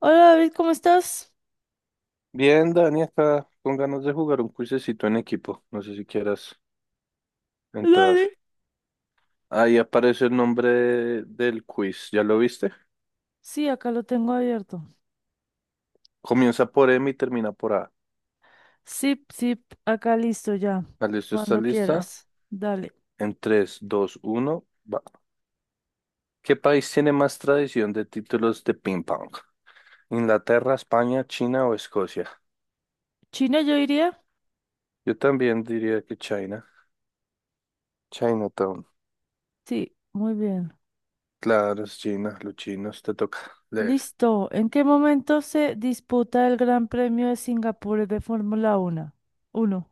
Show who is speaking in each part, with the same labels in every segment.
Speaker 1: Hola David, ¿cómo estás?
Speaker 2: Bien, Dani, acá con ganas de jugar un cuisecito en equipo. No sé si quieras entrar.
Speaker 1: Dale.
Speaker 2: Ahí aparece el nombre del quiz. ¿Ya lo viste?
Speaker 1: Sí, acá lo tengo abierto.
Speaker 2: Comienza por M y termina por A.
Speaker 1: Zip, zip, acá listo ya.
Speaker 2: Ah, ¿listo? ¿Estás
Speaker 1: Cuando
Speaker 2: lista?
Speaker 1: quieras. Dale.
Speaker 2: En tres, dos, uno, va. ¿Qué país tiene más tradición de títulos de ping pong? ¿Inglaterra, España, China o Escocia?
Speaker 1: ¿China yo iría?
Speaker 2: Yo también diría que China. Chinatown.
Speaker 1: Sí, muy bien.
Speaker 2: Claro, es China, los chinos, te toca leer.
Speaker 1: Listo. ¿En qué momento se disputa el Gran Premio de Singapur de Fórmula Uno? Uno.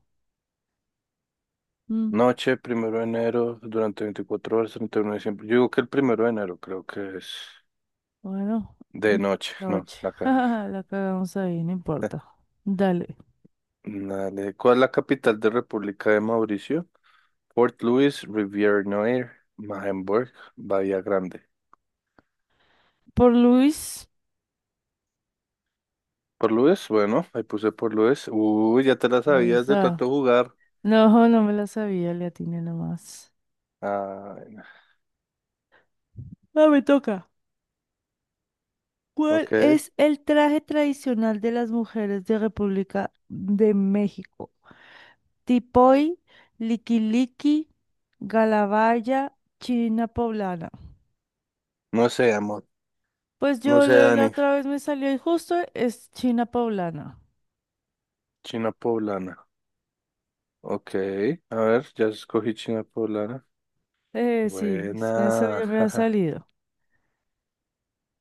Speaker 1: Mm,
Speaker 2: Noche, primero de enero, durante 24 horas, 31 de diciembre. Yo digo que el primero de enero creo que es
Speaker 1: bueno, mm,
Speaker 2: de noche. No,
Speaker 1: noche. Jajaja, la cagamos ahí, no importa. Dale.
Speaker 2: Dale. ¿Cuál es la capital de República de Mauricio? Port Louis, Rivière Noire, Marenburg, Bahía Grande.
Speaker 1: Por Luis.
Speaker 2: Por Louis, bueno, ahí puse por Louis. Uy, ya te la sabías de tanto
Speaker 1: Esa.
Speaker 2: jugar.
Speaker 1: No, no me la sabía, le atiné nomás.
Speaker 2: Ah,
Speaker 1: Ah, me toca. ¿Cuál
Speaker 2: ok.
Speaker 1: es el traje tradicional de las mujeres de República de México? Tipoy, liquiliqui, galabaya, china poblana.
Speaker 2: No sé, amor.
Speaker 1: Pues
Speaker 2: No sé,
Speaker 1: la
Speaker 2: Dani.
Speaker 1: otra vez me salió y justo es china poblana.
Speaker 2: China poblana. Ok. A ver, ya escogí China poblana.
Speaker 1: Sí, es que eso
Speaker 2: Buena.
Speaker 1: ya me ha salido.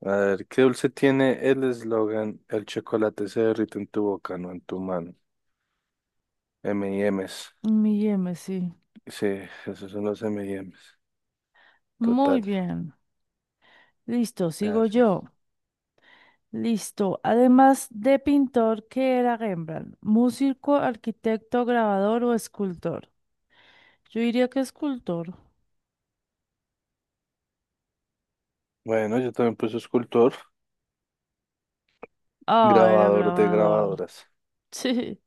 Speaker 2: A ver, ¿qué dulce tiene el eslogan? El chocolate se derrite en tu boca, no en tu mano. M M&M's.
Speaker 1: Mi M, sí.
Speaker 2: Sí, esos son los M M&M's.
Speaker 1: Muy
Speaker 2: Total,
Speaker 1: bien. Listo, sigo
Speaker 2: gracias.
Speaker 1: yo. Listo. Además de pintor, ¿qué era Rembrandt? ¿Músico, arquitecto, grabador o escultor? Yo diría que escultor.
Speaker 2: Bueno, yo también puse escultor,
Speaker 1: Ah, era
Speaker 2: grabador de
Speaker 1: grabador.
Speaker 2: grabadoras.
Speaker 1: Sí.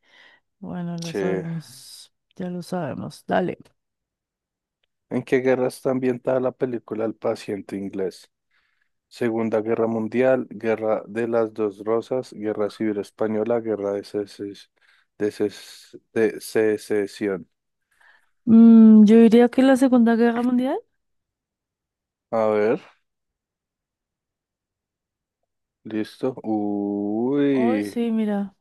Speaker 1: Bueno, lo
Speaker 2: Sí.
Speaker 1: sabemos. Ya lo sabemos. Dale.
Speaker 2: ¿En qué guerra está ambientada la película El paciente inglés? Segunda Guerra Mundial, Guerra de las Dos Rosas, Guerra Civil Española, Guerra de de Secesión.
Speaker 1: Yo diría que la Segunda Guerra Mundial.
Speaker 2: A ver, listo.
Speaker 1: Oh,
Speaker 2: Uy.
Speaker 1: sí, mira.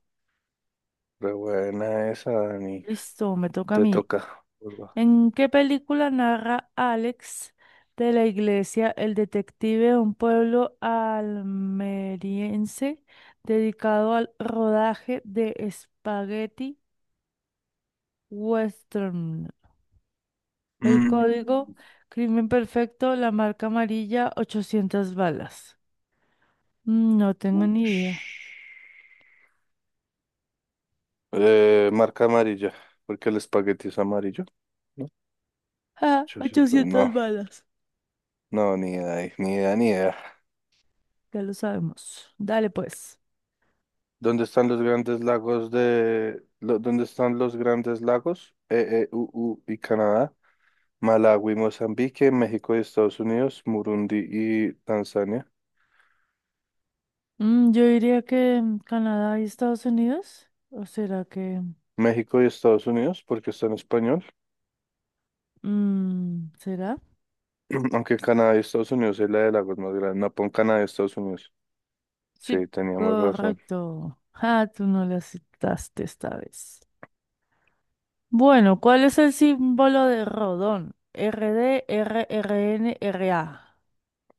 Speaker 2: Re buena esa, Dani.
Speaker 1: Listo, me toca a
Speaker 2: Te
Speaker 1: mí.
Speaker 2: toca. Urba.
Speaker 1: ¿En qué película narra Alex de la Iglesia, el detective de un pueblo almeriense dedicado al rodaje de Spaghetti Western? El
Speaker 2: Mm,
Speaker 1: código, crimen perfecto, la marca amarilla, 800 balas. No tengo ni
Speaker 2: ush.
Speaker 1: idea.
Speaker 2: Marca amarilla, porque el espagueti es amarillo. ¿No?
Speaker 1: Ah,
Speaker 2: 800, no,
Speaker 1: 800 balas.
Speaker 2: no, ni idea, ahí, ni idea, ni idea.
Speaker 1: Ya lo sabemos. Dale pues.
Speaker 2: ¿Dónde están los grandes lagos? EE. UU. Y Canadá, Malawi, Mozambique, México y Estados Unidos, Murundi y Tanzania.
Speaker 1: Yo diría que Canadá y Estados Unidos. ¿O será que...
Speaker 2: México y Estados Unidos, porque está en español.
Speaker 1: ¿será?
Speaker 2: Aunque Canadá y Estados Unidos es la de lagos más grande. No, pon Canadá y Estados Unidos.
Speaker 1: Sí,
Speaker 2: Sí, teníamos razón.
Speaker 1: correcto. Ah, tú no le aceptaste esta vez. Bueno, ¿cuál es el símbolo de Rodón? R D, R R D N R A.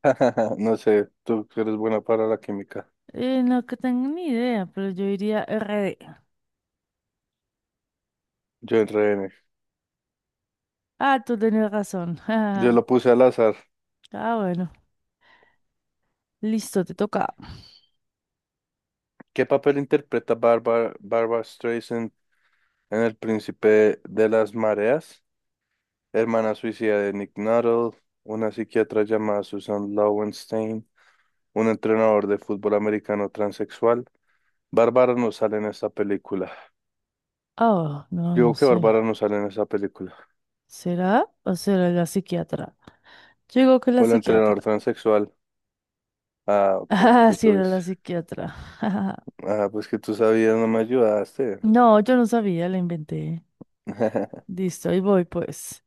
Speaker 2: No sé, tú que eres buena para la química.
Speaker 1: No que tengo ni idea, pero yo diría RD.
Speaker 2: Yo en RN.
Speaker 1: Ah, tú tenías razón.
Speaker 2: Yo lo puse al azar.
Speaker 1: Ah, bueno. Listo, te toca.
Speaker 2: ¿Qué papel interpreta Barbara Streisand en El Príncipe de las Mareas? Hermana suicida de Nick Nuttall, una psiquiatra llamada Susan Lowenstein, un entrenador de fútbol americano transexual. Bárbara no sale en esta película.
Speaker 1: Oh, no, no
Speaker 2: Digo que
Speaker 1: sé.
Speaker 2: Bárbara no sale en esa película.
Speaker 1: ¿Será o será la psiquiatra? Yo digo que la
Speaker 2: O el entrenador
Speaker 1: psiquiatra.
Speaker 2: transexual. Ah, ok,
Speaker 1: Ah,
Speaker 2: te
Speaker 1: sí,
Speaker 2: tuve.
Speaker 1: era la psiquiatra.
Speaker 2: Ah, pues que tú sabías, no me ayudaste.
Speaker 1: No, yo no sabía, la inventé. Listo, y voy pues.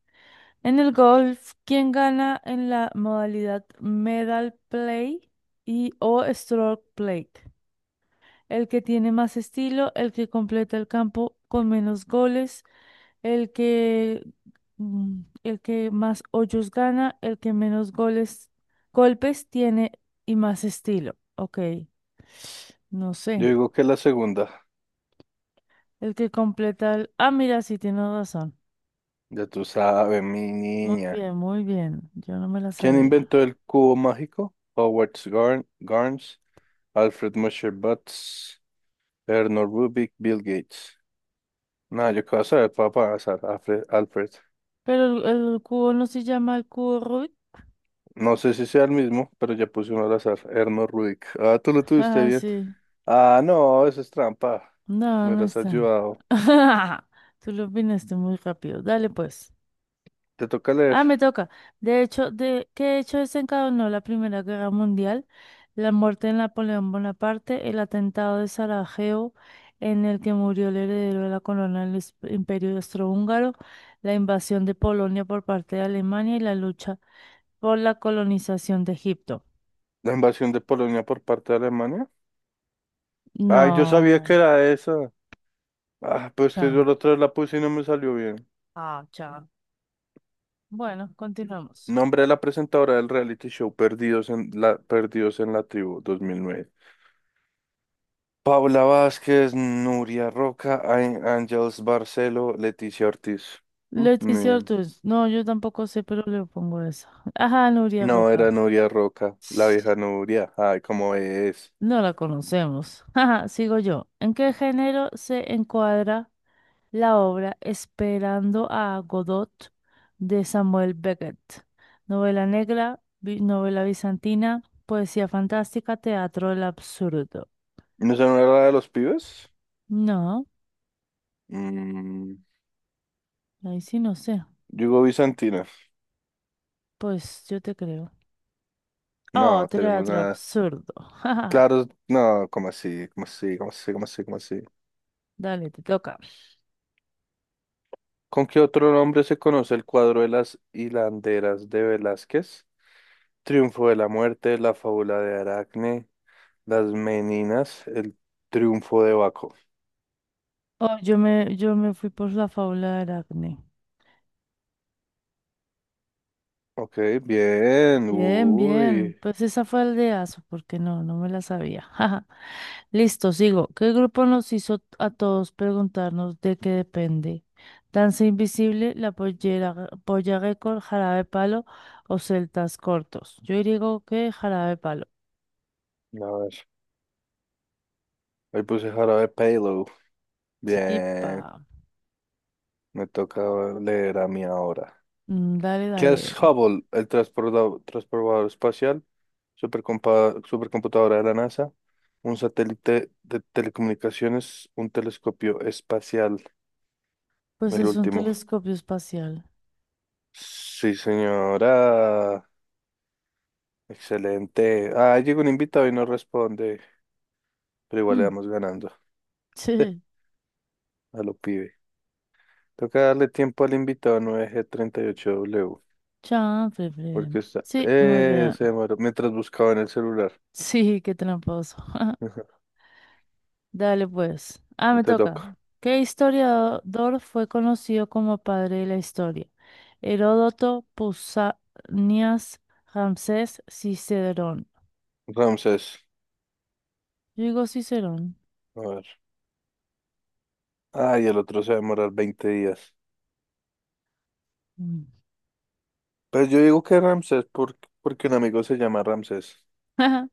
Speaker 1: En el golf, ¿quién gana en la modalidad medal play y o stroke play? ¿El que tiene más estilo, el que completa el campo con menos goles, el que, el que más hoyos gana, el que menos goles, golpes tiene y más estilo? Ok, no
Speaker 2: Yo
Speaker 1: sé.
Speaker 2: digo que la segunda.
Speaker 1: El que completa el... Ah, mira, sí, tienes razón.
Speaker 2: Ya tú sabes, mi
Speaker 1: Muy
Speaker 2: niña.
Speaker 1: bien, muy bien. Yo no me la
Speaker 2: ¿Quién
Speaker 1: sabía.
Speaker 2: inventó el cubo mágico? Howard Garns, Alfred Musher Butts, Erno Rubik, Bill Gates. No, yo qué vas a ver, papá, azar, Alfred, Alfred.
Speaker 1: Pero el, el cubo no se llama el cubo Rubik.
Speaker 2: No sé si sea el mismo, pero ya puse uno al azar, Erno Rubik. Ah, tú lo tuviste
Speaker 1: Ah,
Speaker 2: bien.
Speaker 1: sí.
Speaker 2: Ah, no, eso es trampa.
Speaker 1: No,
Speaker 2: Me
Speaker 1: no
Speaker 2: hubieras
Speaker 1: está.
Speaker 2: ayudado.
Speaker 1: Tú lo opinaste muy rápido. Dale pues.
Speaker 2: Te toca leer.
Speaker 1: Ah, me toca. ¿Qué hecho desencadenó la Primera Guerra Mundial? La muerte de Napoleón Bonaparte, el atentado de Sarajevo, en el que murió el heredero de la corona del Imperio Austrohúngaro, la invasión de Polonia por parte de Alemania y la lucha por la colonización de Egipto.
Speaker 2: La invasión de Polonia por parte de Alemania. Ay, yo sabía que
Speaker 1: No,
Speaker 2: era esa. Ah, pues que yo
Speaker 1: cha.
Speaker 2: la otra vez la puse y no me salió bien.
Speaker 1: Ah, cha. Bueno, continuamos.
Speaker 2: Nombre de la presentadora del reality show Perdidos en la Tribu 2009. Paula Vázquez, Nuria Roca, Ángels Barcelo, Leticia Ortiz. Mm, ni
Speaker 1: Leticia
Speaker 2: idea.
Speaker 1: Ortiz. No, yo tampoco sé, pero le pongo esa. Ajá, Nuria
Speaker 2: No, era
Speaker 1: Roca.
Speaker 2: Nuria Roca, la vieja Nuria. Ay, cómo es.
Speaker 1: No la conocemos. Ajá, sigo yo. ¿En qué género se encuadra la obra Esperando a Godot de Samuel Beckett? Novela negra, novela bizantina, poesía fantástica, teatro del absurdo.
Speaker 2: ¿No se no era la de los pibes?
Speaker 1: No,
Speaker 2: Mm,
Speaker 1: ahí sí no sé.
Speaker 2: Yugo Bizantina.
Speaker 1: Pues yo te creo. Oh,
Speaker 2: No, tenemos
Speaker 1: teatro
Speaker 2: nada.
Speaker 1: absurdo.
Speaker 2: Claro, no, ¿cómo así? ¿Cómo así? ¿Cómo así? ¿Cómo así? ¿Cómo así?
Speaker 1: Dale, te toca.
Speaker 2: ¿Con qué otro nombre se conoce el cuadro de las hilanderas de Velázquez? Triunfo de la muerte, la fábula de Aracne, las Meninas, el triunfo de Baco.
Speaker 1: Oh, yo me fui por la fábula de Aracne.
Speaker 2: Ok, bien,
Speaker 1: Bien, bien.
Speaker 2: uy,
Speaker 1: Pues esa fue el de aso porque no me la sabía. Jaja. Listo, sigo. ¿Qué grupo nos hizo a todos preguntarnos de qué depende? Danza Invisible, La Pollera, Polla Récord, Jarabe de Palo o Celtas Cortos. Yo digo que Jarabe de Palo.
Speaker 2: a ver, ahí puse jarabe payload,
Speaker 1: Sí,
Speaker 2: bien,
Speaker 1: pa.
Speaker 2: me toca leer a mí ahora.
Speaker 1: Dale,
Speaker 2: ¿Qué es
Speaker 1: dale.
Speaker 2: Hubble? ¿El transportador, espacial, supercomputadora de la NASA, un satélite de telecomunicaciones, un telescopio espacial?
Speaker 1: Pues
Speaker 2: El
Speaker 1: es un
Speaker 2: último.
Speaker 1: telescopio espacial.
Speaker 2: Sí, señora. Excelente. Ah, llegó un invitado y no responde, pero igual le
Speaker 1: Mm,
Speaker 2: vamos ganando.
Speaker 1: sí,
Speaker 2: A lo pibe. Toca darle tiempo al invitado 9G38W
Speaker 1: chanfle, fre.
Speaker 2: porque está...
Speaker 1: Sí, muy bien.
Speaker 2: Se demoró mientras buscaba en el celular.
Speaker 1: Sí, qué tramposo.
Speaker 2: Ajá,
Speaker 1: Dale pues. Ah, me
Speaker 2: te
Speaker 1: toca.
Speaker 2: toca.
Speaker 1: ¿Qué historiador fue conocido como padre de la historia? Heródoto, Pausanias, Ramsés, Cicerón.
Speaker 2: Ramses.
Speaker 1: Yo digo Cicerón.
Speaker 2: A ver. Ah, y el otro se va a demorar 20 días.
Speaker 1: Mm.
Speaker 2: Pues yo digo que Ramses, porque un amigo se llama Ramses.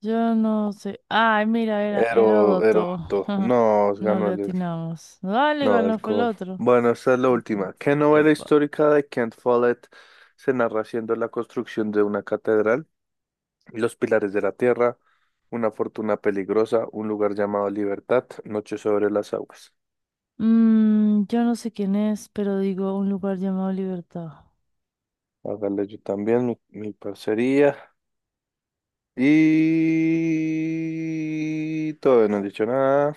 Speaker 1: Yo no sé. Ay, mira, era
Speaker 2: Ero,
Speaker 1: Heródoto.
Speaker 2: Eroto. No,
Speaker 1: No
Speaker 2: ganó
Speaker 1: le
Speaker 2: el.
Speaker 1: atinamos. Dale,
Speaker 2: No,
Speaker 1: no fue el
Speaker 2: alcohol.
Speaker 1: otro.
Speaker 2: Bueno, esta es la
Speaker 1: Ya está.
Speaker 2: última. ¿Qué novela
Speaker 1: Epa.
Speaker 2: histórica de Kent Follett se narra siendo la construcción de una catedral? ¿Los pilares de la tierra, una fortuna peligrosa, un lugar llamado Libertad, Noche sobre las aguas?
Speaker 1: Yo no sé quién es, pero digo un lugar llamado Libertad.
Speaker 2: Hágale, yo también, mi parcería. Y todavía no he dicho nada.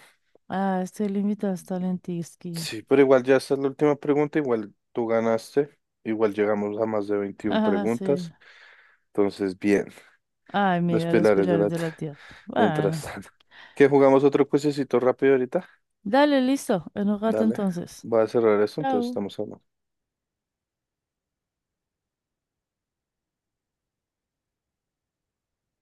Speaker 1: Ah, este límite está en Tisky.
Speaker 2: Sí, pero igual ya esta es la última pregunta. Igual tú ganaste. Igual llegamos a más de 21
Speaker 1: Ah, sí.
Speaker 2: preguntas. Entonces, bien,
Speaker 1: Ay,
Speaker 2: los
Speaker 1: mira, los
Speaker 2: pilares de
Speaker 1: pilares
Speaker 2: la
Speaker 1: de
Speaker 2: tierra.
Speaker 1: la tierra.
Speaker 2: Mientras
Speaker 1: Bueno,
Speaker 2: tanto, ¿qué jugamos otro cuesecito rápido ahorita?
Speaker 1: dale, listo. En un rato
Speaker 2: Dale,
Speaker 1: entonces.
Speaker 2: voy a cerrar eso, entonces
Speaker 1: Chao.
Speaker 2: estamos hablando.